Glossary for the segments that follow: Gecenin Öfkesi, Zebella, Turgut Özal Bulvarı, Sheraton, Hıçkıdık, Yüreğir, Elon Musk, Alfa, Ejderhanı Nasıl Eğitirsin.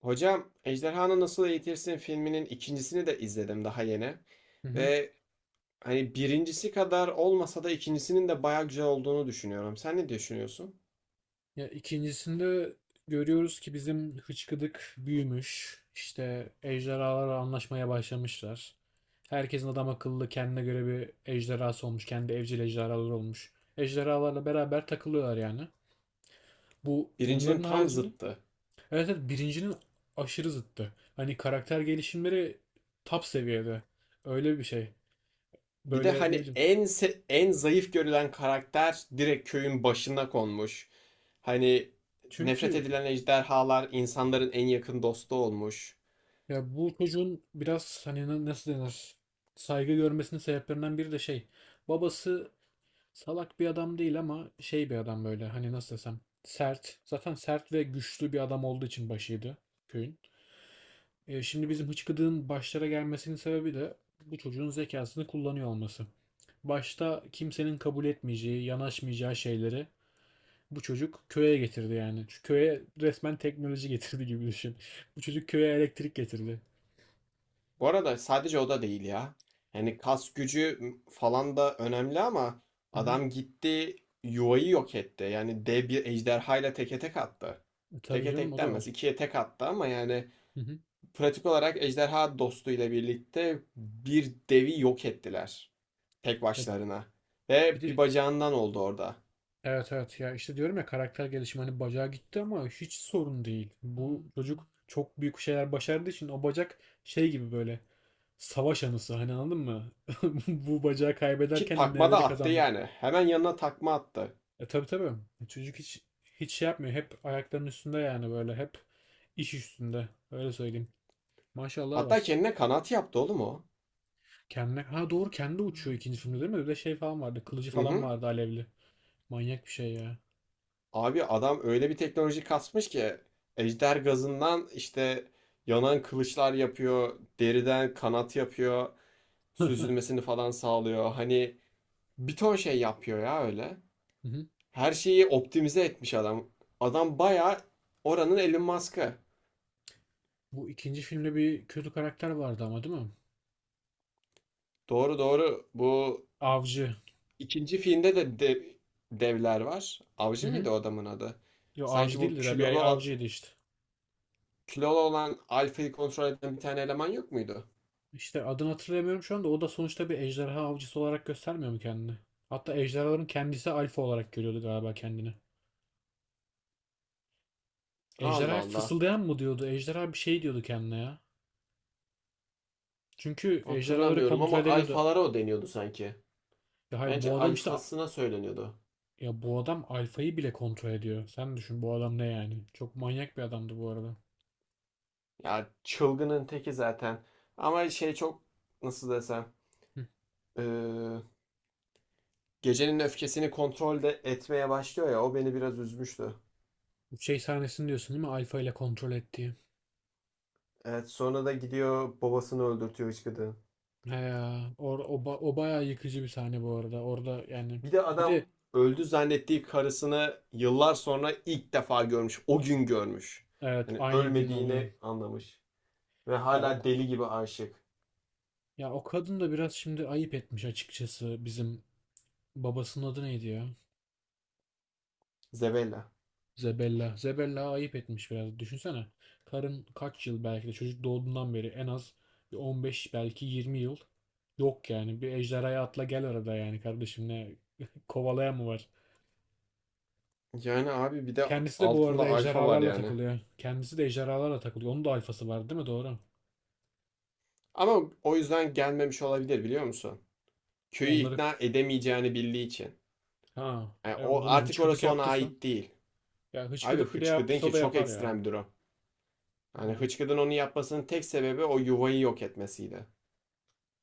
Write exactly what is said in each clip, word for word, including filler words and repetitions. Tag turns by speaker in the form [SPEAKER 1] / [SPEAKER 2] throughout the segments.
[SPEAKER 1] Hocam Ejderhanı Nasıl Eğitirsin filminin ikincisini de izledim daha yeni.
[SPEAKER 2] Hı hı.
[SPEAKER 1] Ve hani birincisi kadar olmasa da ikincisinin de bayağı güzel olduğunu düşünüyorum. Sen ne düşünüyorsun?
[SPEAKER 2] Ya ikincisinde görüyoruz ki bizim hıçkıdık büyümüş. İşte ejderhalarla anlaşmaya başlamışlar. Herkesin adam akıllı kendine göre bir ejderhası olmuş. Kendi evcil ejderhaları olmuş. Ejderhalarla beraber takılıyorlar yani. Bu
[SPEAKER 1] Birincinin
[SPEAKER 2] bunların
[SPEAKER 1] tam
[SPEAKER 2] haricinde
[SPEAKER 1] zıttı.
[SPEAKER 2] evet, evet birincinin aşırı zıttı. Hani karakter gelişimleri top seviyede. Öyle bir şey.
[SPEAKER 1] Bir de
[SPEAKER 2] Böyle ne
[SPEAKER 1] hani
[SPEAKER 2] bileyim.
[SPEAKER 1] en se- en zayıf görülen karakter direkt köyün başına konmuş. Hani nefret
[SPEAKER 2] Çünkü
[SPEAKER 1] edilen ejderhalar insanların en yakın dostu olmuş.
[SPEAKER 2] Ya bu çocuğun biraz hani na- nasıl denir? Saygı görmesinin sebeplerinden biri de şey. Babası salak bir adam değil ama şey bir adam böyle hani nasıl desem sert. Zaten sert ve güçlü bir adam olduğu için başıydı köyün. E, şimdi bizim hıçkıdığın başlara gelmesinin sebebi de bu çocuğun zekasını kullanıyor olması. Başta kimsenin kabul etmeyeceği, yanaşmayacağı şeyleri bu çocuk köye getirdi yani. Şu köye resmen teknoloji getirdi gibi düşün. Bu çocuk köye elektrik getirdi.
[SPEAKER 1] Bu arada sadece o da değil ya. Hani kas gücü falan da önemli ama
[SPEAKER 2] Hı hı.
[SPEAKER 1] adam gitti yuvayı yok etti. Yani dev bir ejderhayla teke tek attı.
[SPEAKER 2] E, Tabii
[SPEAKER 1] Teke
[SPEAKER 2] canım
[SPEAKER 1] tek
[SPEAKER 2] o da
[SPEAKER 1] denmez.
[SPEAKER 2] var.
[SPEAKER 1] İkiye tek attı ama yani
[SPEAKER 2] Hı hı.
[SPEAKER 1] pratik olarak ejderha dostuyla birlikte bir devi yok ettiler. Tek
[SPEAKER 2] Ya
[SPEAKER 1] başlarına.
[SPEAKER 2] bir
[SPEAKER 1] Ve
[SPEAKER 2] de
[SPEAKER 1] bir bacağından oldu orada.
[SPEAKER 2] evet evet ya işte diyorum ya karakter gelişimi hani bacağı gitti ama hiç sorun değil. Bu çocuk çok büyük şeyler başardığı için o bacak şey gibi böyle savaş anısı hani anladın mı? Bu bacağı
[SPEAKER 1] Ki
[SPEAKER 2] kaybederken
[SPEAKER 1] takma da
[SPEAKER 2] neleri
[SPEAKER 1] attı
[SPEAKER 2] kazandın?
[SPEAKER 1] yani. Hemen yanına takma attı.
[SPEAKER 2] E tabii tabii. E, Çocuk hiç hiç şey yapmıyor. Hep ayaklarının üstünde yani böyle hep iş üstünde. Öyle söyleyeyim. Maşallah
[SPEAKER 1] Hatta
[SPEAKER 2] var.
[SPEAKER 1] kendine kanat yaptı oğlum o.
[SPEAKER 2] Kendine ha doğru kendi uçuyor ikinci filmde değil mi? Bir de şey falan vardı. Kılıcı falan
[SPEAKER 1] Hı.
[SPEAKER 2] vardı alevli. Manyak bir şey ya.
[SPEAKER 1] Abi adam öyle bir teknoloji kasmış ki ejder gazından işte yanan kılıçlar yapıyor, deriden kanat yapıyor, süzülmesini falan sağlıyor. Hani bir ton şey yapıyor ya öyle.
[SPEAKER 2] Hı hı.
[SPEAKER 1] Her şeyi optimize etmiş adam. Adam bayağı oranın Elon Musk'ı.
[SPEAKER 2] Bu ikinci filmde bir kötü karakter vardı ama değil mi?
[SPEAKER 1] Doğru doğru. Bu
[SPEAKER 2] Avcı.
[SPEAKER 1] ikinci filmde de dev- devler var.
[SPEAKER 2] Hı
[SPEAKER 1] Avcı
[SPEAKER 2] hı.
[SPEAKER 1] mıydı o adamın adı?
[SPEAKER 2] Yo avcı
[SPEAKER 1] Sanki bu
[SPEAKER 2] değildi de bir
[SPEAKER 1] kilolu
[SPEAKER 2] avcıydı işte.
[SPEAKER 1] kilolu olan alfayı kontrol eden bir tane eleman yok muydu?
[SPEAKER 2] İşte adını hatırlamıyorum şu anda. O da sonuçta bir ejderha avcısı olarak göstermiyor mu kendini? Hatta ejderhaların kendisi alfa olarak görüyordu galiba kendini.
[SPEAKER 1] Allah
[SPEAKER 2] Ejderhaya
[SPEAKER 1] Allah.
[SPEAKER 2] fısıldayan mı diyordu? Ejderha bir şey diyordu kendine ya. Çünkü ejderhaları
[SPEAKER 1] Hatırlamıyorum
[SPEAKER 2] kontrol
[SPEAKER 1] ama
[SPEAKER 2] edebiliyordu.
[SPEAKER 1] alfalara o deniyordu sanki.
[SPEAKER 2] Ya hayır
[SPEAKER 1] Bence
[SPEAKER 2] bu adam işte
[SPEAKER 1] alfasına söyleniyordu.
[SPEAKER 2] ya bu adam alfayı bile kontrol ediyor. Sen düşün bu adam ne yani? Çok manyak bir adamdı bu arada.
[SPEAKER 1] Ya çılgının teki zaten. Ama şey çok nasıl desem
[SPEAKER 2] Hı.
[SPEAKER 1] eee, gecenin öfkesini kontrolde etmeye başlıyor ya o beni biraz üzmüştü.
[SPEAKER 2] Bu şey sahnesini diyorsun değil mi? Alfa ile kontrol ettiği.
[SPEAKER 1] Evet sonra da gidiyor babasını öldürtüyor hıçkıdığın.
[SPEAKER 2] He ya, or, o, ba- o bayağı yıkıcı bir sahne bu arada. Orada yani
[SPEAKER 1] Bir de
[SPEAKER 2] bir de
[SPEAKER 1] adam öldü zannettiği karısını yıllar sonra ilk defa görmüş. O gün görmüş.
[SPEAKER 2] evet
[SPEAKER 1] Hani
[SPEAKER 2] aynı gün oluyor.
[SPEAKER 1] ölmediğini anlamış. Ve
[SPEAKER 2] Ya o,
[SPEAKER 1] hala deli gibi aşık.
[SPEAKER 2] ya o kadın da biraz şimdi ayıp etmiş açıkçası bizim babasının adı neydi ya?
[SPEAKER 1] Zebella.
[SPEAKER 2] Zebella. Zebella ayıp etmiş biraz. Düşünsene. Karın kaç yıl belki de çocuk doğduğundan beri en az bir on beş belki yirmi yıl yok yani. Bir ejderhaya atla gel arada yani kardeşim ne kovalayan mı var?
[SPEAKER 1] Yani abi bir de
[SPEAKER 2] Kendisi de bu
[SPEAKER 1] altında
[SPEAKER 2] arada
[SPEAKER 1] alfa var
[SPEAKER 2] ejderhalarla
[SPEAKER 1] yani.
[SPEAKER 2] takılıyor. Kendisi de ejderhalarla takılıyor. Onun da alfası var değil mi? Doğru.
[SPEAKER 1] Ama o yüzden gelmemiş olabilir biliyor musun? Köyü
[SPEAKER 2] Onları
[SPEAKER 1] ikna edemeyeceğini bildiği için.
[SPEAKER 2] Ha,
[SPEAKER 1] Yani
[SPEAKER 2] ya
[SPEAKER 1] o
[SPEAKER 2] bunu
[SPEAKER 1] artık
[SPEAKER 2] hıçkıdık
[SPEAKER 1] orası ona
[SPEAKER 2] yaptıysa.
[SPEAKER 1] ait değil.
[SPEAKER 2] Ya
[SPEAKER 1] Abi
[SPEAKER 2] hıçkıdık bile
[SPEAKER 1] Hıçkıdın
[SPEAKER 2] yaptıysa o
[SPEAKER 1] ki
[SPEAKER 2] da
[SPEAKER 1] çok
[SPEAKER 2] yapar ya.
[SPEAKER 1] ekstrem bir durum. Hani
[SPEAKER 2] Bilmiyorum.
[SPEAKER 1] Hıçkıdın onu yapmasının tek sebebi o yuvayı yok etmesiydi.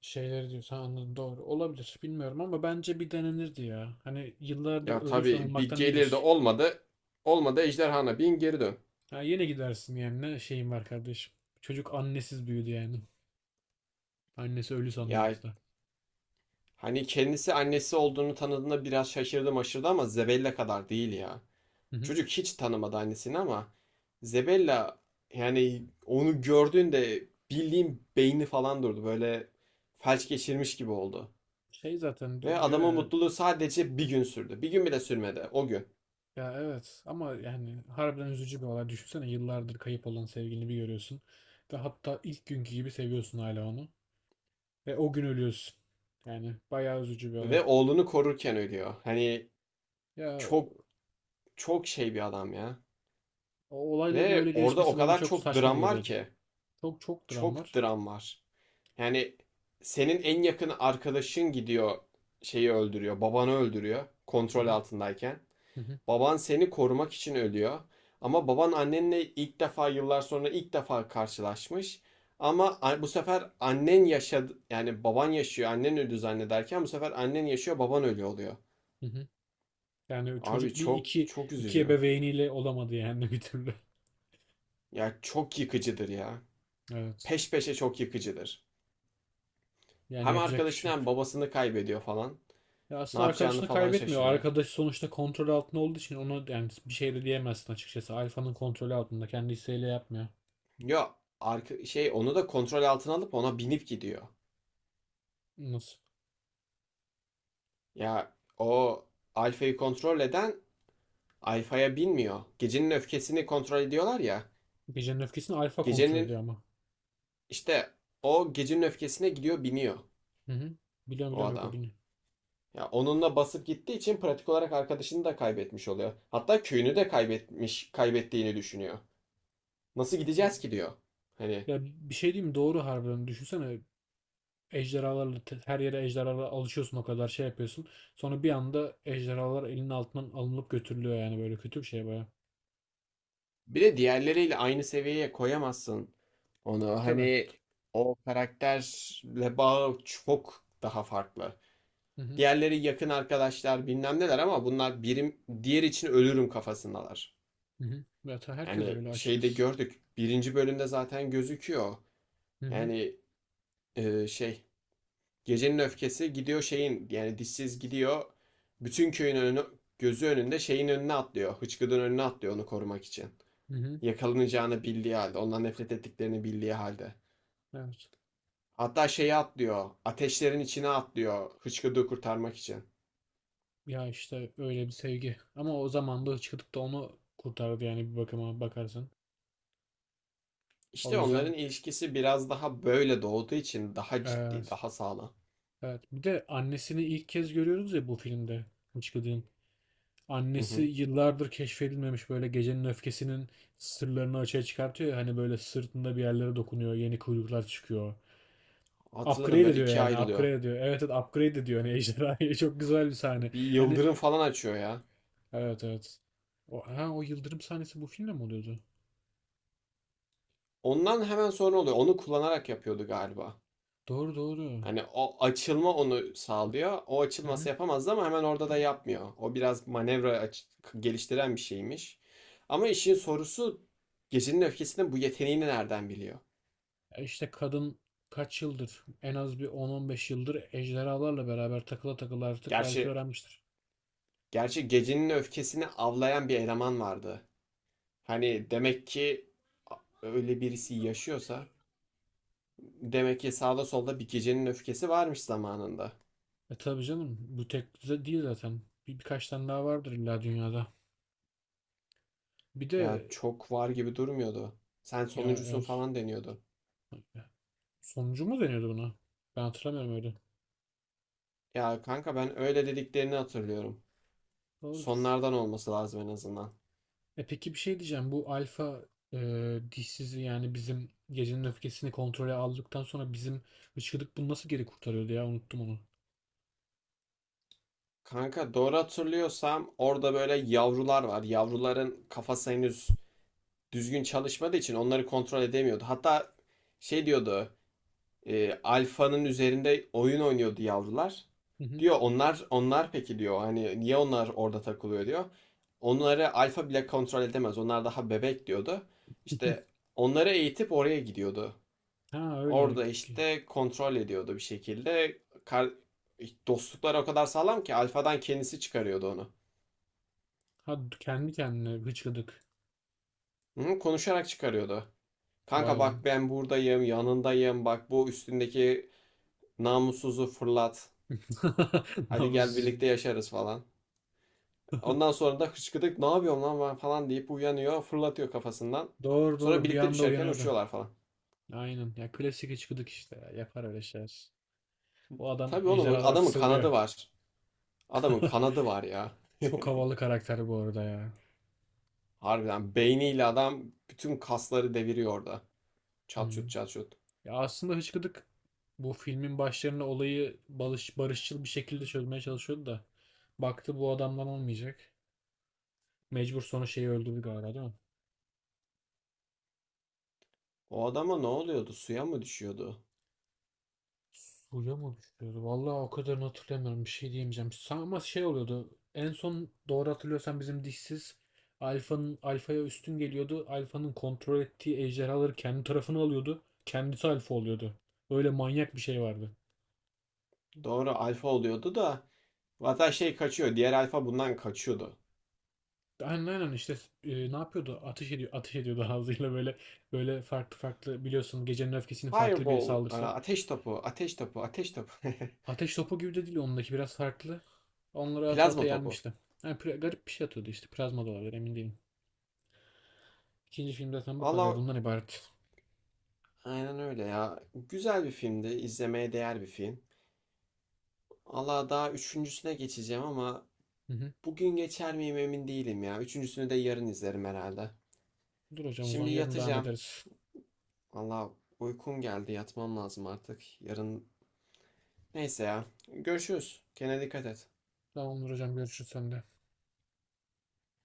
[SPEAKER 2] Şeyleri diyorsun ha, anladım doğru. Olabilir bilmiyorum ama bence bir denenirdi ya. Hani yıllardır
[SPEAKER 1] Ya
[SPEAKER 2] ölü
[SPEAKER 1] tabii bir
[SPEAKER 2] sanılmaktan
[SPEAKER 1] gelir de
[SPEAKER 2] iyidir.
[SPEAKER 1] olmadı. Olmadı ejderhana bin geri dön.
[SPEAKER 2] Ha, yine gidersin yani ne şeyim var kardeşim. Çocuk annesiz büyüdü yani. Annesi ölü sanıyor
[SPEAKER 1] Ya
[SPEAKER 2] hatta.
[SPEAKER 1] hani kendisi annesi olduğunu tanıdığında biraz şaşırdım aşırdı ama zebelle kadar değil ya.
[SPEAKER 2] Hı hı.
[SPEAKER 1] Çocuk hiç tanımadı annesini ama Zebella yani onu gördüğünde bildiğim beyni falan durdu. Böyle felç geçirmiş gibi oldu.
[SPEAKER 2] Şey zaten
[SPEAKER 1] Ve
[SPEAKER 2] di- diyor
[SPEAKER 1] adamın
[SPEAKER 2] ya,
[SPEAKER 1] mutluluğu sadece bir gün sürdü. Bir gün bile sürmedi o gün.
[SPEAKER 2] ya evet ama yani harbiden üzücü bir olay. Düşünsene yıllardır kayıp olan sevgilini bir görüyorsun. Ve hatta ilk günkü gibi seviyorsun hala onu. Ve o gün ölüyorsun. Yani bayağı üzücü bir olay.
[SPEAKER 1] Ve oğlunu korurken ölüyor. Hani
[SPEAKER 2] Ya
[SPEAKER 1] çok çok şey bir adam ya.
[SPEAKER 2] o olayların öyle
[SPEAKER 1] Ve orada o
[SPEAKER 2] gelişmesi bana
[SPEAKER 1] kadar
[SPEAKER 2] çok
[SPEAKER 1] çok
[SPEAKER 2] saçma
[SPEAKER 1] dram var
[SPEAKER 2] geliyordu.
[SPEAKER 1] ki.
[SPEAKER 2] Çok çok dram
[SPEAKER 1] Çok
[SPEAKER 2] var.
[SPEAKER 1] dram var. Yani senin en yakın arkadaşın gidiyor şeyi öldürüyor. Babanı öldürüyor
[SPEAKER 2] Hı
[SPEAKER 1] kontrol
[SPEAKER 2] hı,
[SPEAKER 1] altındayken.
[SPEAKER 2] hı hı,
[SPEAKER 1] Baban seni korumak için ölüyor. Ama baban annenle ilk defa yıllar sonra ilk defa karşılaşmış. Ama bu sefer annen yaşadı yani baban yaşıyor annen öldü zannederken bu sefer annen yaşıyor baban ölüyor oluyor.
[SPEAKER 2] hı hı. Yani
[SPEAKER 1] Abi
[SPEAKER 2] çocuk bir
[SPEAKER 1] çok
[SPEAKER 2] iki
[SPEAKER 1] çok
[SPEAKER 2] iki
[SPEAKER 1] üzücü.
[SPEAKER 2] ebeveyniyle olamadı yani bir türlü.
[SPEAKER 1] Ya çok yıkıcıdır ya.
[SPEAKER 2] Evet.
[SPEAKER 1] Peş peşe çok yıkıcıdır.
[SPEAKER 2] Yani
[SPEAKER 1] Hem
[SPEAKER 2] yapacak bir
[SPEAKER 1] arkadaşını
[SPEAKER 2] şey yok.
[SPEAKER 1] hem babasını kaybediyor falan.
[SPEAKER 2] Ya
[SPEAKER 1] Ne
[SPEAKER 2] aslında
[SPEAKER 1] yapacağını
[SPEAKER 2] arkadaşını
[SPEAKER 1] falan
[SPEAKER 2] kaybetmiyor.
[SPEAKER 1] şaşırıyor.
[SPEAKER 2] Arkadaş sonuçta kontrol altında olduğu için ona yani bir şey de diyemezsin açıkçası. Alfa'nın kontrolü altında. Kendi isteğiyle yapmıyor.
[SPEAKER 1] Yo arka, şey onu da kontrol altına alıp ona binip gidiyor.
[SPEAKER 2] Nasıl?
[SPEAKER 1] Ya o Alfa'yı kontrol eden Alfa'ya binmiyor. Gecenin öfkesini kontrol ediyorlar ya.
[SPEAKER 2] Gecenin öfkesini Alfa kontrol ediyor
[SPEAKER 1] Gecenin
[SPEAKER 2] ama.
[SPEAKER 1] işte o gecenin öfkesine gidiyor biniyor
[SPEAKER 2] Hı hı. Biliyorum
[SPEAKER 1] o
[SPEAKER 2] biliyorum yok o
[SPEAKER 1] adam.
[SPEAKER 2] bilmiyor.
[SPEAKER 1] Ya onunla basıp gittiği için pratik olarak arkadaşını da kaybetmiş oluyor. Hatta köyünü de kaybetmiş, kaybettiğini düşünüyor. Nasıl gideceğiz
[SPEAKER 2] Yani-
[SPEAKER 1] ki diyor. Hani
[SPEAKER 2] Ya bir şey diyeyim mi? Doğru harbiden. Düşünsene Ejderhalarla te- her yere ejderhalarla alışıyorsun o kadar şey yapıyorsun. Sonra bir anda ejderhalar elinin altından alınıp götürülüyor yani böyle kötü bir şey baya.
[SPEAKER 1] bir de diğerleriyle aynı seviyeye koyamazsın onu.
[SPEAKER 2] Tabii.
[SPEAKER 1] Hani o karakterle bağı çok daha farklı.
[SPEAKER 2] Hı hı.
[SPEAKER 1] Diğerleri yakın arkadaşlar bilmem neler ama bunlar birim diğer için ölürüm kafasındalar.
[SPEAKER 2] Hı hı. Ya ta- herkes
[SPEAKER 1] Yani
[SPEAKER 2] öyle
[SPEAKER 1] şeyde
[SPEAKER 2] açıkçası.
[SPEAKER 1] gördük. Birinci bölümde zaten gözüküyor.
[SPEAKER 2] Hı hı.
[SPEAKER 1] Yani e, şey gecenin öfkesi gidiyor şeyin yani dişsiz gidiyor. Bütün köyün önü, gözü önünde şeyin önüne atlıyor. Hıçkıdın önüne atlıyor onu korumak için.
[SPEAKER 2] Hı hı.
[SPEAKER 1] Yakalanacağını bildiği halde. Ondan nefret ettiklerini bildiği halde.
[SPEAKER 2] Evet.
[SPEAKER 1] Hatta şeyi atlıyor. Ateşlerin içine atlıyor. Hıçkıdığı kurtarmak için.
[SPEAKER 2] Ya işte öyle bir sevgi. Ama o zaman da çıkıp da onu kurtardı yani bir bakıma bakarsan. O
[SPEAKER 1] İşte
[SPEAKER 2] yüzden
[SPEAKER 1] onların ilişkisi biraz daha böyle doğduğu için daha ciddi,
[SPEAKER 2] evet.
[SPEAKER 1] daha sağlam.
[SPEAKER 2] Evet. Bir de annesini ilk kez görüyoruz ya bu filmde. Hıçkıdık'ın.
[SPEAKER 1] Hı
[SPEAKER 2] Annesi
[SPEAKER 1] hı.
[SPEAKER 2] yıllardır keşfedilmemiş böyle gecenin öfkesinin sırlarını açığa çıkartıyor ya hani böyle sırtında bir yerlere dokunuyor yeni kuyruklar çıkıyor.
[SPEAKER 1] Hatırladım
[SPEAKER 2] Upgrade
[SPEAKER 1] böyle
[SPEAKER 2] ediyor
[SPEAKER 1] ikiye
[SPEAKER 2] yani
[SPEAKER 1] ayrılıyor.
[SPEAKER 2] upgrade ediyor. Evet evet upgrade ediyor hani ejderhayı çok güzel bir sahne.
[SPEAKER 1] Bir
[SPEAKER 2] Hani
[SPEAKER 1] yıldırım falan açıyor ya.
[SPEAKER 2] evet evet. O, ha, o yıldırım sahnesi bu filmde mi oluyordu?
[SPEAKER 1] Ondan hemen sonra oluyor. Onu kullanarak yapıyordu galiba.
[SPEAKER 2] Doğru doğru.
[SPEAKER 1] Hani o açılma onu sağlıyor. O
[SPEAKER 2] Hı
[SPEAKER 1] açılması
[SPEAKER 2] hı.
[SPEAKER 1] yapamazdı ama hemen orada da yapmıyor. O biraz manevra aç- geliştiren bir şeymiş. Ama işin sorusu Gecenin Öfkesi'nin bu yeteneğini nereden biliyor?
[SPEAKER 2] E İşte kadın kaç yıldır en az bir on on beş yıldır ejderhalarla beraber takıla takıla artık belki
[SPEAKER 1] Gerçi
[SPEAKER 2] öğrenmiştir.
[SPEAKER 1] gerçi Gecenin Öfkesi'ni avlayan bir eleman vardı. Hani demek ki öyle birisi yaşıyorsa demek ki sağda solda bir Gecenin Öfkesi varmış zamanında.
[SPEAKER 2] E tabii canım bu tek düze değil zaten. Bir, birkaç tane daha vardır illa dünyada. Bir
[SPEAKER 1] Ya
[SPEAKER 2] de
[SPEAKER 1] çok var gibi durmuyordu. Sen
[SPEAKER 2] ya
[SPEAKER 1] sonuncusun
[SPEAKER 2] eğer
[SPEAKER 1] falan deniyordu.
[SPEAKER 2] sonucu mu deniyordu buna? Ben hatırlamıyorum öyle.
[SPEAKER 1] Ya kanka ben öyle dediklerini hatırlıyorum.
[SPEAKER 2] Doğrudur.
[SPEAKER 1] Sonlardan olması lazım en azından.
[SPEAKER 2] E peki bir şey diyeceğim. Bu alfa e, dişsizi yani bizim gecenin öfkesini kontrole aldıktan sonra bizim hıçkıdık bunu nasıl geri kurtarıyordu ya? Unuttum onu.
[SPEAKER 1] Kanka doğru hatırlıyorsam orada böyle yavrular var. Yavruların kafası henüz düzgün çalışmadığı için onları kontrol edemiyordu. Hatta şey diyordu. E, alfanın üzerinde oyun oynuyordu yavrular.
[SPEAKER 2] Hı hı.
[SPEAKER 1] Diyor onlar onlar peki diyor. Hani niye onlar orada takılıyor diyor. Onları alfa bile kontrol edemez. Onlar daha bebek diyordu. İşte onları eğitip oraya gidiyordu.
[SPEAKER 2] Ha öyle.
[SPEAKER 1] Orada işte kontrol ediyordu bir şekilde. Kar dostluklar o kadar sağlam ki Alfa'dan kendisi çıkarıyordu onu.
[SPEAKER 2] Ha kendi kendine hıçkıdık.
[SPEAKER 1] Hı, konuşarak çıkarıyordu. Kanka
[SPEAKER 2] Vay be.
[SPEAKER 1] bak ben buradayım, yanındayım. Bak bu üstündeki namussuzu fırlat. Hadi gel
[SPEAKER 2] Namussuz.
[SPEAKER 1] birlikte yaşarız falan. Ondan sonra da hıçkıdık ne yapıyorum lan ben falan deyip uyanıyor, fırlatıyor kafasından.
[SPEAKER 2] Doğru
[SPEAKER 1] Sonra
[SPEAKER 2] doğru bir
[SPEAKER 1] birlikte
[SPEAKER 2] anda
[SPEAKER 1] düşerken
[SPEAKER 2] uyanıyordu.
[SPEAKER 1] uçuyorlar falan.
[SPEAKER 2] Aynen ya klasik hıçkıdık işte ya. Yapar öyle şeyler. O adam
[SPEAKER 1] Tabii oğlum
[SPEAKER 2] ejderhalara
[SPEAKER 1] adamın
[SPEAKER 2] fısıldıyor.
[SPEAKER 1] kanadı var. Adamın kanadı var ya.
[SPEAKER 2] Çok havalı karakter bu arada ya.
[SPEAKER 1] Harbiden beyniyle adam bütün kasları deviriyor orada.
[SPEAKER 2] Hı.
[SPEAKER 1] Çat
[SPEAKER 2] Hı.
[SPEAKER 1] şut çat şut.
[SPEAKER 2] Ya aslında Hıçkıdık bu filmin başlarında olayı barış, barışçıl bir şekilde çözmeye çalışıyordu da baktı bu adamdan olmayacak. Mecbur sonra şeyi öldürdü galiba değil mi?
[SPEAKER 1] O adama ne oluyordu? Suya mı düşüyordu?
[SPEAKER 2] Suya mı düşüyordu? Vallahi o kadarını hatırlamıyorum. Bir şey diyemeyeceğim. Sa- Ama şey oluyordu. En son doğru hatırlıyorsan bizim dişsiz Alfa'nın Alfa'ya üstün geliyordu. Alfa'nın kontrol ettiği ejderhaları kendi tarafına alıyordu. Kendisi Alfa oluyordu. Öyle manyak bir şey vardı.
[SPEAKER 1] Doğru alfa oluyordu da zaten şey kaçıyor. Diğer alfa bundan kaçıyordu.
[SPEAKER 2] Aynen aynen işte e, ne yapıyordu? Ateş ediyor, ateş ediyordu ağzıyla böyle böyle farklı farklı biliyorsun gecenin öfkesinin farklı bir
[SPEAKER 1] Fireball, e,
[SPEAKER 2] saldırısı.
[SPEAKER 1] ateş topu, ateş topu, ateş topu.
[SPEAKER 2] Ateş topu gibi de değil ondaki biraz farklı. Onları ata ata
[SPEAKER 1] Plazma topu.
[SPEAKER 2] yenmişti. Yani pri- garip bir şey atıyordu işte plazma da olabilir emin değilim. İkinci film zaten bu kadar
[SPEAKER 1] Allah
[SPEAKER 2] bundan ibaret.
[SPEAKER 1] aynen öyle ya. Güzel bir filmdi. İzlemeye değer bir film. Allah daha üçüncüsüne geçeceğim ama
[SPEAKER 2] Hı hı.
[SPEAKER 1] bugün geçer miyim emin değilim ya. Üçüncüsünü de yarın izlerim herhalde.
[SPEAKER 2] Dur hocam o zaman
[SPEAKER 1] Şimdi
[SPEAKER 2] yarın devam
[SPEAKER 1] yatacağım.
[SPEAKER 2] ederiz.
[SPEAKER 1] Valla uykum geldi yatmam lazım artık. Yarın... Neyse ya. Görüşürüz. Kendine dikkat et.
[SPEAKER 2] Tamamdır hocam görüşürüz sende.